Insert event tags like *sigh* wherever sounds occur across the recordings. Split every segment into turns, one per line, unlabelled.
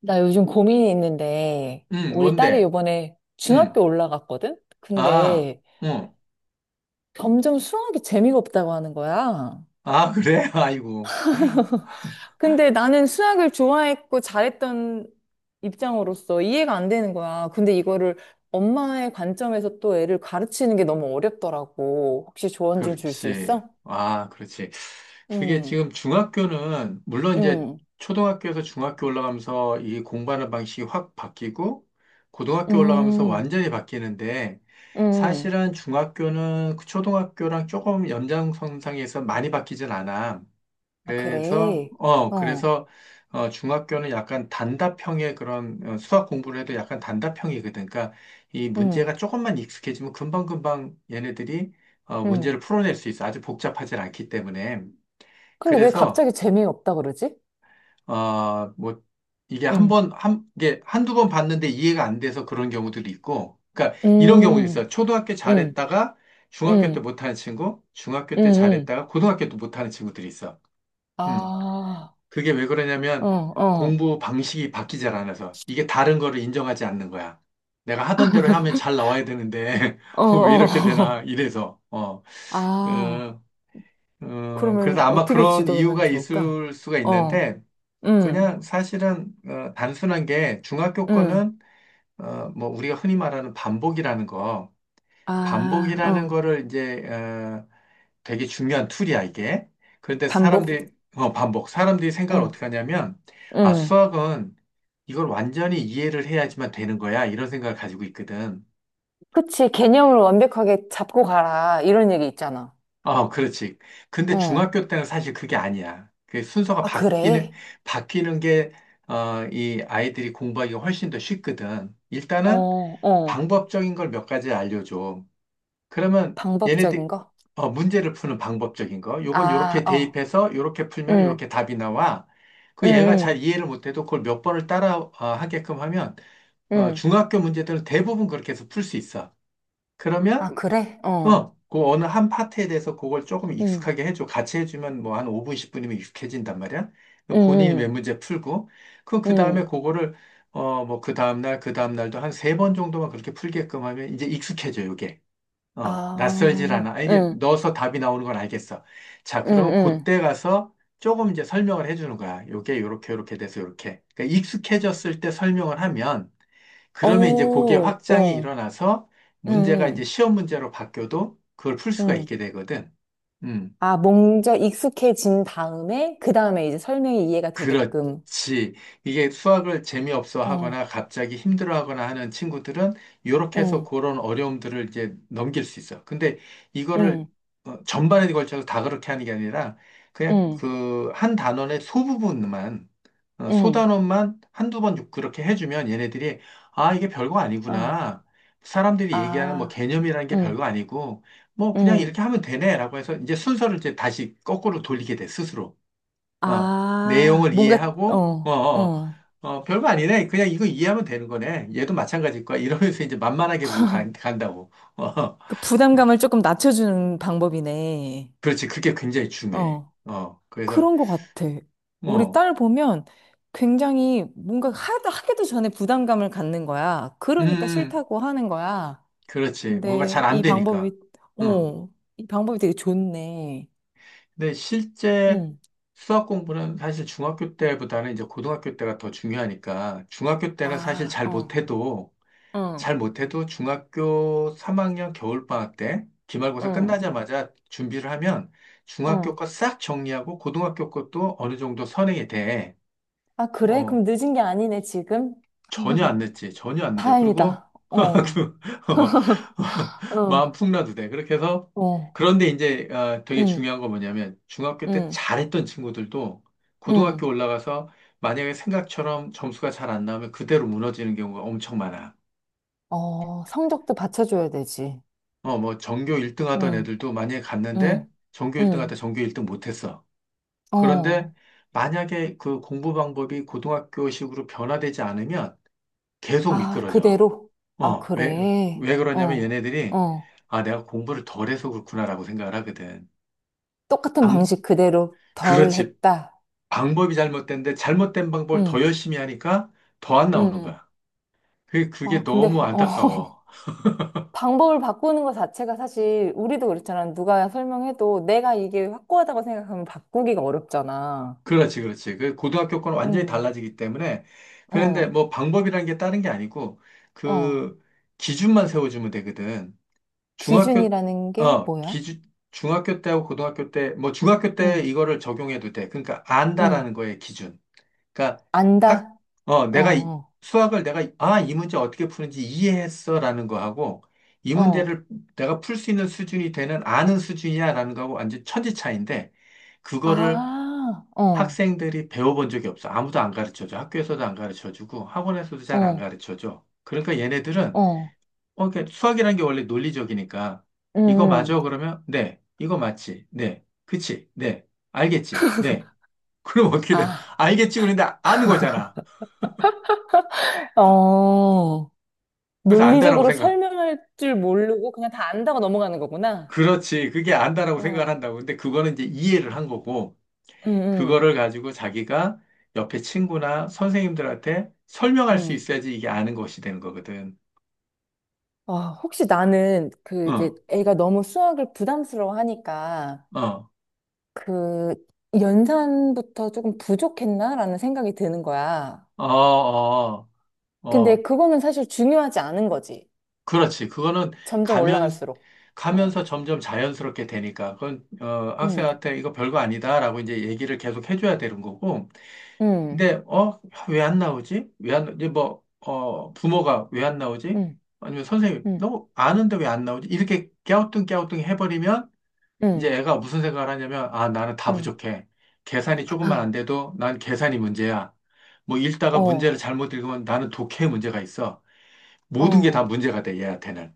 나 요즘 고민이 있는데, 우리 딸이
뭔데?
요번에
음,
중학교 올라갔거든?
아,
근데
응.
점점 수학이 재미가 없다고 하는 거야.
아, 그래? *laughs* 아이고.
근데 나는 수학을 좋아했고 잘했던 입장으로서 이해가 안 되는 거야. 근데 이거를 엄마의 관점에서 또 애를 가르치는 게 너무 어렵더라고. 혹시 조언 좀 줄 수
그렇지.
있어?
아, 그렇지. 그게
응,
지금 중학교는, 물론 이제
응,
초등학교에서 중학교 올라가면서 이 공부하는 방식이 확 바뀌고, 고등학교 올라가면서
응,
완전히 바뀌는데,
응.
사실은 중학교는 그 초등학교랑 조금 연장선상에서 많이 바뀌진 않아.
아,
그래서,
그래.
어,
어,
그래서, 중학교는 약간 단답형의 그런 수학 공부를 해도 약간 단답형이거든. 그러니까 이
응,
문제가 조금만 익숙해지면 금방금방 얘네들이
응.
문제를 풀어낼 수 있어. 아주 복잡하지 않기 때문에.
근데 왜
그래서,
갑자기 재미가 없다 그러지?
뭐, 이게 한
응.
번, 한, 이게 한두 번 봤는데 이해가 안 돼서 그런 경우들이 있고. 그러니까 이런 경우도
음,
있어요. 초등학교
음,
잘했다가 중학교 때
음,
못하는 친구, 중학교
음,
때
음.
잘했다가 고등학교 때 못하는 친구들이 있어. 음.
아,
그게 왜
어,
그러냐면
어, 어, 어.
공부 방식이 바뀌지 않아서 이게 다른 거를 인정하지 않는 거야. 내가 하던 대로 하면 잘 나와야 되는데 *laughs* 왜 이렇게 되나
*laughs*
이래서
아,
어, 그래서
그러면
아마
어떻게
그런
지도하면
이유가
좋을까?
있을 수가
어,
있는데
음,
그냥 사실은 단순한 게 중학교
음.
거는 뭐 우리가 흔히 말하는 반복이라는 거
아,
반복이라는
어.
거를 이제 어, 되게 중요한 툴이야, 이게. 그런데
반복?
사람들이, 반복. 사람들이 생각을
응,
어떻게 하냐면, 아,
응.
수학은 이걸 완전히 이해를 해야지만 되는 거야. 이런 생각을 가지고 있거든.
그치, 개념을 완벽하게 잡고 가라. 이런 얘기 있잖아.
그렇지. 근데
응,
중학교 때는 사실 그게 아니야. 그 순서가
아,
바뀌는,
그래?
바뀌는 게, 이 아이들이 공부하기가 훨씬 더 쉽거든. 일단은
어, 어.
방법적인 걸 몇 가지 알려줘. 그러면
방법적인
얘네들
거?
문제를 푸는 방법적인 거. 요건
아,
요렇게
어.
대입해서 요렇게 풀면
응,
요렇게 답이 나와.
응,
그 얘가 잘
응,
이해를 못해도 그걸 몇 번을 따라 하게끔 하면
응.
중학교 문제들은 대부분 그렇게 해서 풀 수 있어. 그러면
아, 그래? 어,
그 어느 한 파트에 대해서 그걸 조금
응,
익숙하게 해줘. 같이 해주면 뭐 한 5분, 10분이면 익숙해진단 말이야.
응,
그 본인이 몇
응.
문제 풀고 그 다음에
응,
그거를 뭐 그 다음날 그 다음날도 한 세 번 정도만 그렇게 풀게끔 하면 이제 익숙해져 요게. 낯설질
아,
않아. 아, 이게
응,
넣어서 답이 나오는 건 알겠어. 자,
응,
그러면
응.
그때 가서 조금 이제 설명을 해주는 거야. 요게 요렇게 요렇게 돼서 요렇게. 그러니까 익숙해졌을 때 설명을 하면
어,
그러면 이제 그게 확장이
어,
일어나서
응,
문제가 이제
응.
시험 문제로 바뀌어도 그걸 풀 수가
응.
있게 되거든. 음.
아, 먼저 익숙해진 다음에, 그 다음에 이제 설명이 이해가 되게끔.
그렇지. 이게 수학을 재미없어
어,
하거나 갑자기 힘들어 하거나 하는 친구들은 이렇게 해서
응,
그런 어려움들을 이제 넘길 수 있어. 근데 이거를
응,
전반에 걸쳐서 다 그렇게 하는 게 아니라 그냥
응,
그 한 단원의 소부분만,
응,
소단원만 한두 번 그렇게 해주면 얘네들이 아, 이게 별거
어,
아니구나. 사람들이 얘기하는 뭐
아,
개념이라는 게
응,
별거 아니고 뭐 그냥
응.
이렇게 하면 되네라고 해서 이제 순서를 이제 다시 거꾸로 돌리게 돼, 스스로. 어,
아,
내용을
뭔가,
이해하고,
어, 어.
별거 아니네. 그냥 이거 이해하면 되는 거네. 얘도 마찬가지일 거야. 이러면서 이제 만만하게 보고 간다고.
그 부담감을 조금 낮춰주는 방법이네.
그렇지. 그게 굉장히 중요해.
어,
그래서,
그런 것 같아. 우리
어
딸 보면 굉장히 뭔가 하기도 전에 부담감을 갖는 거야. 그러니까
음,
싫다고 하는 거야.
그렇지. 뭔가
근데
잘 안
이
되니까.
방법이,
어.
어, 이 방법이 되게 좋네.
근데 실제
응.
수학 공부는 사실 중학교 때보다는 이제 고등학교 때가 더 중요하니까, 중학교 때는 사실
아,
잘
어,
못해도,
응,
잘 못해도 중학교 3학년 겨울방학 때 기말고사
응,
끝나자마자 준비를 하면 중학교
응.
거 싹 정리하고 고등학교 것도 어느 정도 선행이 돼.
아, 그래? 그럼
어,
늦은 게 아니네, 지금?
전혀 안
*laughs*
늦지. 전혀 안 늦어. 그리고
다행이다.
*laughs*
어,
그, 어, *laughs*
어,
마음 풍라도 돼. 그렇게 해서
어,
그런데 이제 되게
응,
중요한 건 뭐냐면 중학교 때
응,
잘했던 친구들도 고등학교
응.
올라가서 만약에 생각처럼 점수가 잘 안 나오면 그대로 무너지는 경우가 엄청 많아.
어, 성적도 받쳐줘야 되지.
뭐, 전교 1등 하던
응,
애들도 만약에 갔는데,
응,
전교 1등 하다
응,
전교 1등 못했어. 그런데,
어.
만약에 그 공부 방법이 고등학교식으로 변화되지 않으면 계속
아,
미끄러져.
그대로? 아,
어, 왜,
그래.
왜 그러냐면
어,
얘네들이,
어.
아, 내가 공부를 덜해서 그렇구나라고 생각을 하거든.
똑같은
방,
방식 그대로 덜
그렇지.
했다.
방법이 잘못된데, 잘못된 방법을 더
응,
열심히 하니까 더 안 나오는
응.
거야.
아,
그게
근데,
너무
어. *laughs*
안타까워.
방법을 바꾸는 것 자체가 사실 우리도 그렇잖아. 누가 설명해도 내가 이게 확고하다고 생각하면 바꾸기가 어렵잖아.
그렇지, 그렇지. 그 고등학교 거는 완전히
응,
달라지기 때문에 그런데
어,
뭐 방법이라는 게 다른 게 아니고
어.
그 기준만 세워주면 되거든. 중학교
기준이라는 게
어
뭐야?
기준 중학교 때하고 고등학교 때 뭐 중학교 때
응,
이거를 적용해도 돼. 그러니까
응.
안다라는 거에 기준. 그러니까 학
안다?
어
어,
내가 이-
어,
수학을 내가 아 이 문제 어떻게 푸는지 이해했어라는 거하고 이
어.
문제를 내가 풀 수 있는 수준이 되는 아는 수준이야라는 거하고 완전 천지 차이인데.
아, 어,
학생들이 배워본 적이 없어. 아무도 안 가르쳐줘. 학교에서도 안 가르쳐주고 학원에서도 잘 안
어,
가르쳐줘. 그러니까 얘네들은
어.
그게 수학이라는 게 원래 논리적이니까
응,
이거
응.
맞아? 그러면 네. 이거 맞지? 네. 그치? 네. 알겠지? 네. *laughs* 그럼 어떻게 돼?
아.
알겠지? 그런데 아는 거잖아.
*laughs* 어,
그래서 안다라고
논리적으로
생각.
설명할 줄 모르고 그냥 다 안다고 넘어가는 거구나.
그렇지. 그게 안다라고 생각을
어.
한다고. 근데 그거는 이제 이해를
어.
한 거고
응, 응,
그거를 가지고 자기가 옆에 친구나 선생님들한테 설명할 수
응.
있어야지 이게 아는 것이 되는 거거든.
아, 혹시 나는 그 이제
어.
애가 너무 수학을 부담스러워 하니까
어.
그 연산부터 조금 부족했나라는 생각이 드는 거야.
어, 어,
근데
어.
그거는 사실 중요하지 않은 거지.
그렇지. 그거는
점점
가면,
올라갈수록. 어.
가면서 점점 자연스럽게 되니까. 그건,
응,
학생한테 이거 별거 아니다라고 이제 얘기를 계속 해줘야 되는 거고.
응,
근데, 왜 안 나오지? 왜 안, 이제 뭐, 부모가 왜 안 나오지?
응,
아니면 선생님,
응,
너 아는데 왜 안 나오지? 이렇게 깨우뚱깨우뚱 해버리면 이제
응,
애가 무슨 생각을 하냐면, 아, 나는 다
응.
부족해. 계산이 조금만 안 돼도 난 계산이 문제야. 뭐 읽다가 문제를
어,
잘못 읽으면 나는 독해 문제가 있어. 모든 게 다
어.
문제가 돼, 얘한테는.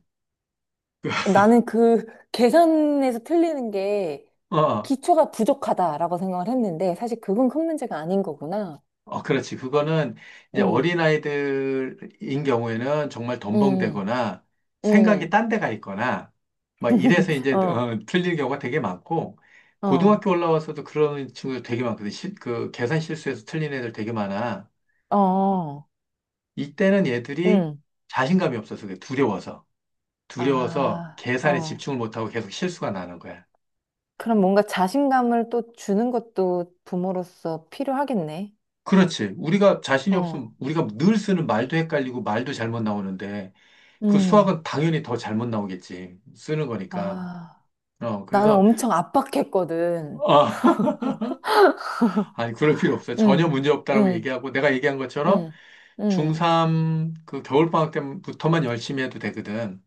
나는 그 계산에서 틀리는 게
어, 어,
기초가 부족하다라고 생각을 했는데 사실 그건 큰 문제가 아닌 거구나.
그렇지. 그거는 이제
응,
어린아이들인 경우에는 정말
응,
덤벙대거나 생각이
응.
딴 데가 있거나 막 이래서
*laughs*
이제
어,
틀린 경우가 되게 많고
어,
고등학교 올라와서도 그런 친구들 되게 많거든. 그 계산 실수해서 틀린 애들 되게 많아.
어,
이때는 얘들이
응.
자신감이 없어서 그래. 두려워서. 두려워서
아,
계산에
어.
집중을 못하고 계속 실수가 나는 거야.
그럼 뭔가 자신감을 또 주는 것도 부모로서 필요하겠네.
그렇지. 우리가 자신이
어,
없으면 우리가 늘 쓰는 말도 헷갈리고 말도 잘못 나오는데 그
음.
수학은 당연히 더 잘못 나오겠지. 쓰는 거니까.
아, 나는
그래서,
엄청 압박했거든.
아, *laughs* 아니, 그럴 필요 없어요.
응,
전혀 문제 없다라고
응,
얘기하고, 내가 얘기한 것처럼
응, 응.
중3 그 겨울방학 때부터만 열심히 해도 되거든.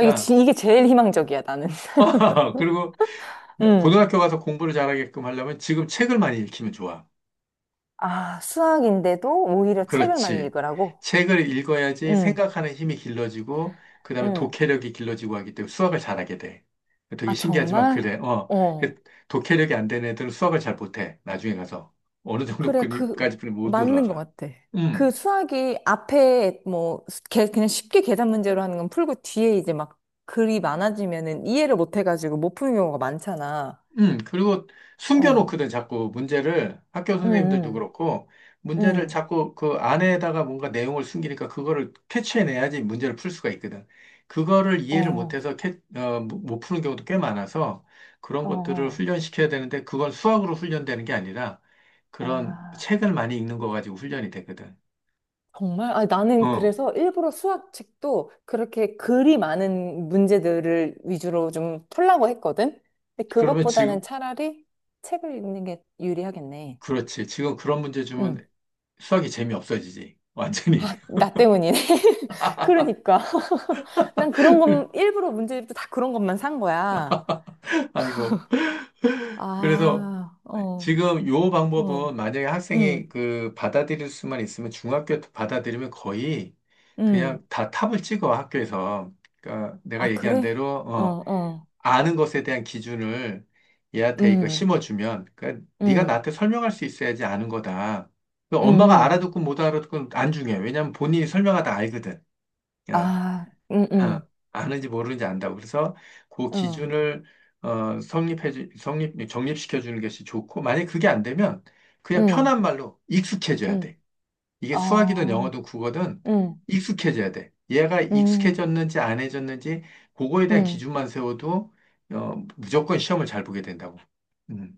이게 제일 희망적이야, 나는. *laughs*
*laughs* 그리고
응.
고등학교 가서 공부를 잘하게끔 하려면 지금 책을 많이 읽히면 좋아.
아, 수학인데도 오히려 책을 많이
그렇지.
읽으라고?
책을 읽어야지
응,
생각하는 힘이 길러지고, 그 다음에
응.
독해력이 길러지고 하기 때문에 수학을 잘하게 돼. 되게
아,
신기하지만
정말?
그래. 어.
어.
그 독해력이 안 되는 애들은 수학을 잘 못해. 나중에 가서. 어느
그래,
정도까지
그,
뿐이 못
맞는 것
올라가.
같아. 그
음.
수학이 앞에 뭐, 그냥 쉽게 계산 문제로 하는 건 풀고 뒤에 이제 막 글이 많아지면은 이해를 못 해가지고 못 푸는 경우가 많잖아.
그리고
어.
숨겨놓거든, 자꾸 문제를. 학교
응,
선생님들도
응,
그렇고, 문제를
응.
자꾸 그 안에다가 뭔가 내용을 숨기니까 그거를 캐치해내야지 문제를 풀 수가 있거든. 그거를 이해를
어,
못해서 캐, 어, 못 못못 푸는 경우도 꽤 많아서 그런
어.
것들을
어.
훈련시켜야 되는데 그건 수학으로 훈련되는 게 아니라 그런
아.
책을 많이 읽는 거 가지고 훈련이 되거든.
정말? 아, 나는
어,
그래서 일부러 수학책도 그렇게 글이 많은 문제들을 위주로 좀 풀라고 했거든? 근데
그러면
그것보다는
지금,
차라리 책을 읽는 게 유리하겠네.
그렇지. 지금 그런 문제
응.
주면 수학이 재미없어지지. 완전히.
아, 나 때문이네. *laughs* 그러니까. *laughs* 난 그런 건,
*laughs*
일부러 문제집도 다 그런 것만 산 거야.
아이고. 그래서
아, 어,
지금 요
어,
방법은 만약에 학생이
음,
그 받아들일 수만 있으면 중학교 받아들이면 거의
음.
그냥 다 탑을 찍어 학교에서. 그러니까 내가
아,
얘기한 대로
그래? 어, 어,
아는 것에 대한 기준을 얘한테 이거
음,
심어주면 그러니까 네가
음,
나한테 설명할 수 있어야지 아는 거다. 그
음,
엄마가
음.
알아듣고 못 알아듣고 안 중요해. 왜냐면 본인이 설명하다 알거든. 어.
아,
어, 아는지 모르는지 안다고. 그래서 그
어,
기준을 정립시켜 주는 것이 좋고, 만약에 그게 안 되면 그냥
음,
편한 말로 익숙해져야
음.
돼. 이게 수학이든
아,
영어든 국어든
음,
익숙해져야 돼. 얘가
음,
익숙해졌는지 안 해졌는지 그거에 대한
음.
기준만 세워도 무조건 시험을 잘 보게 된다고. 음.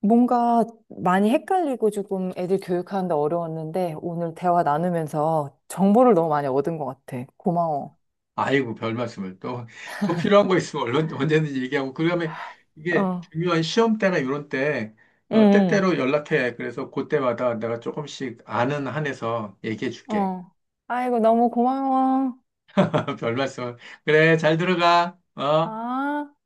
뭔가 많이 헷갈리고 조금 애들 교육하는데 어려웠는데 오늘 대화 나누면서 정보를 너무 많이 얻은 것 같아. 고마워.
아이고, 별 말씀을. 또, 또 필요한 거 있으면 얼른, 언제든지 얘기하고. 그다음에 이게
어,
중요한 시험 때나 이런 때,
음,
때때로 연락해. 그래서 그때마다 내가 조금씩 아는 한에서 얘기해 줄게.
어. 아이고, 너무 고마워.
*laughs* 별 말씀을. 그래, 잘 들어가. 어?
아.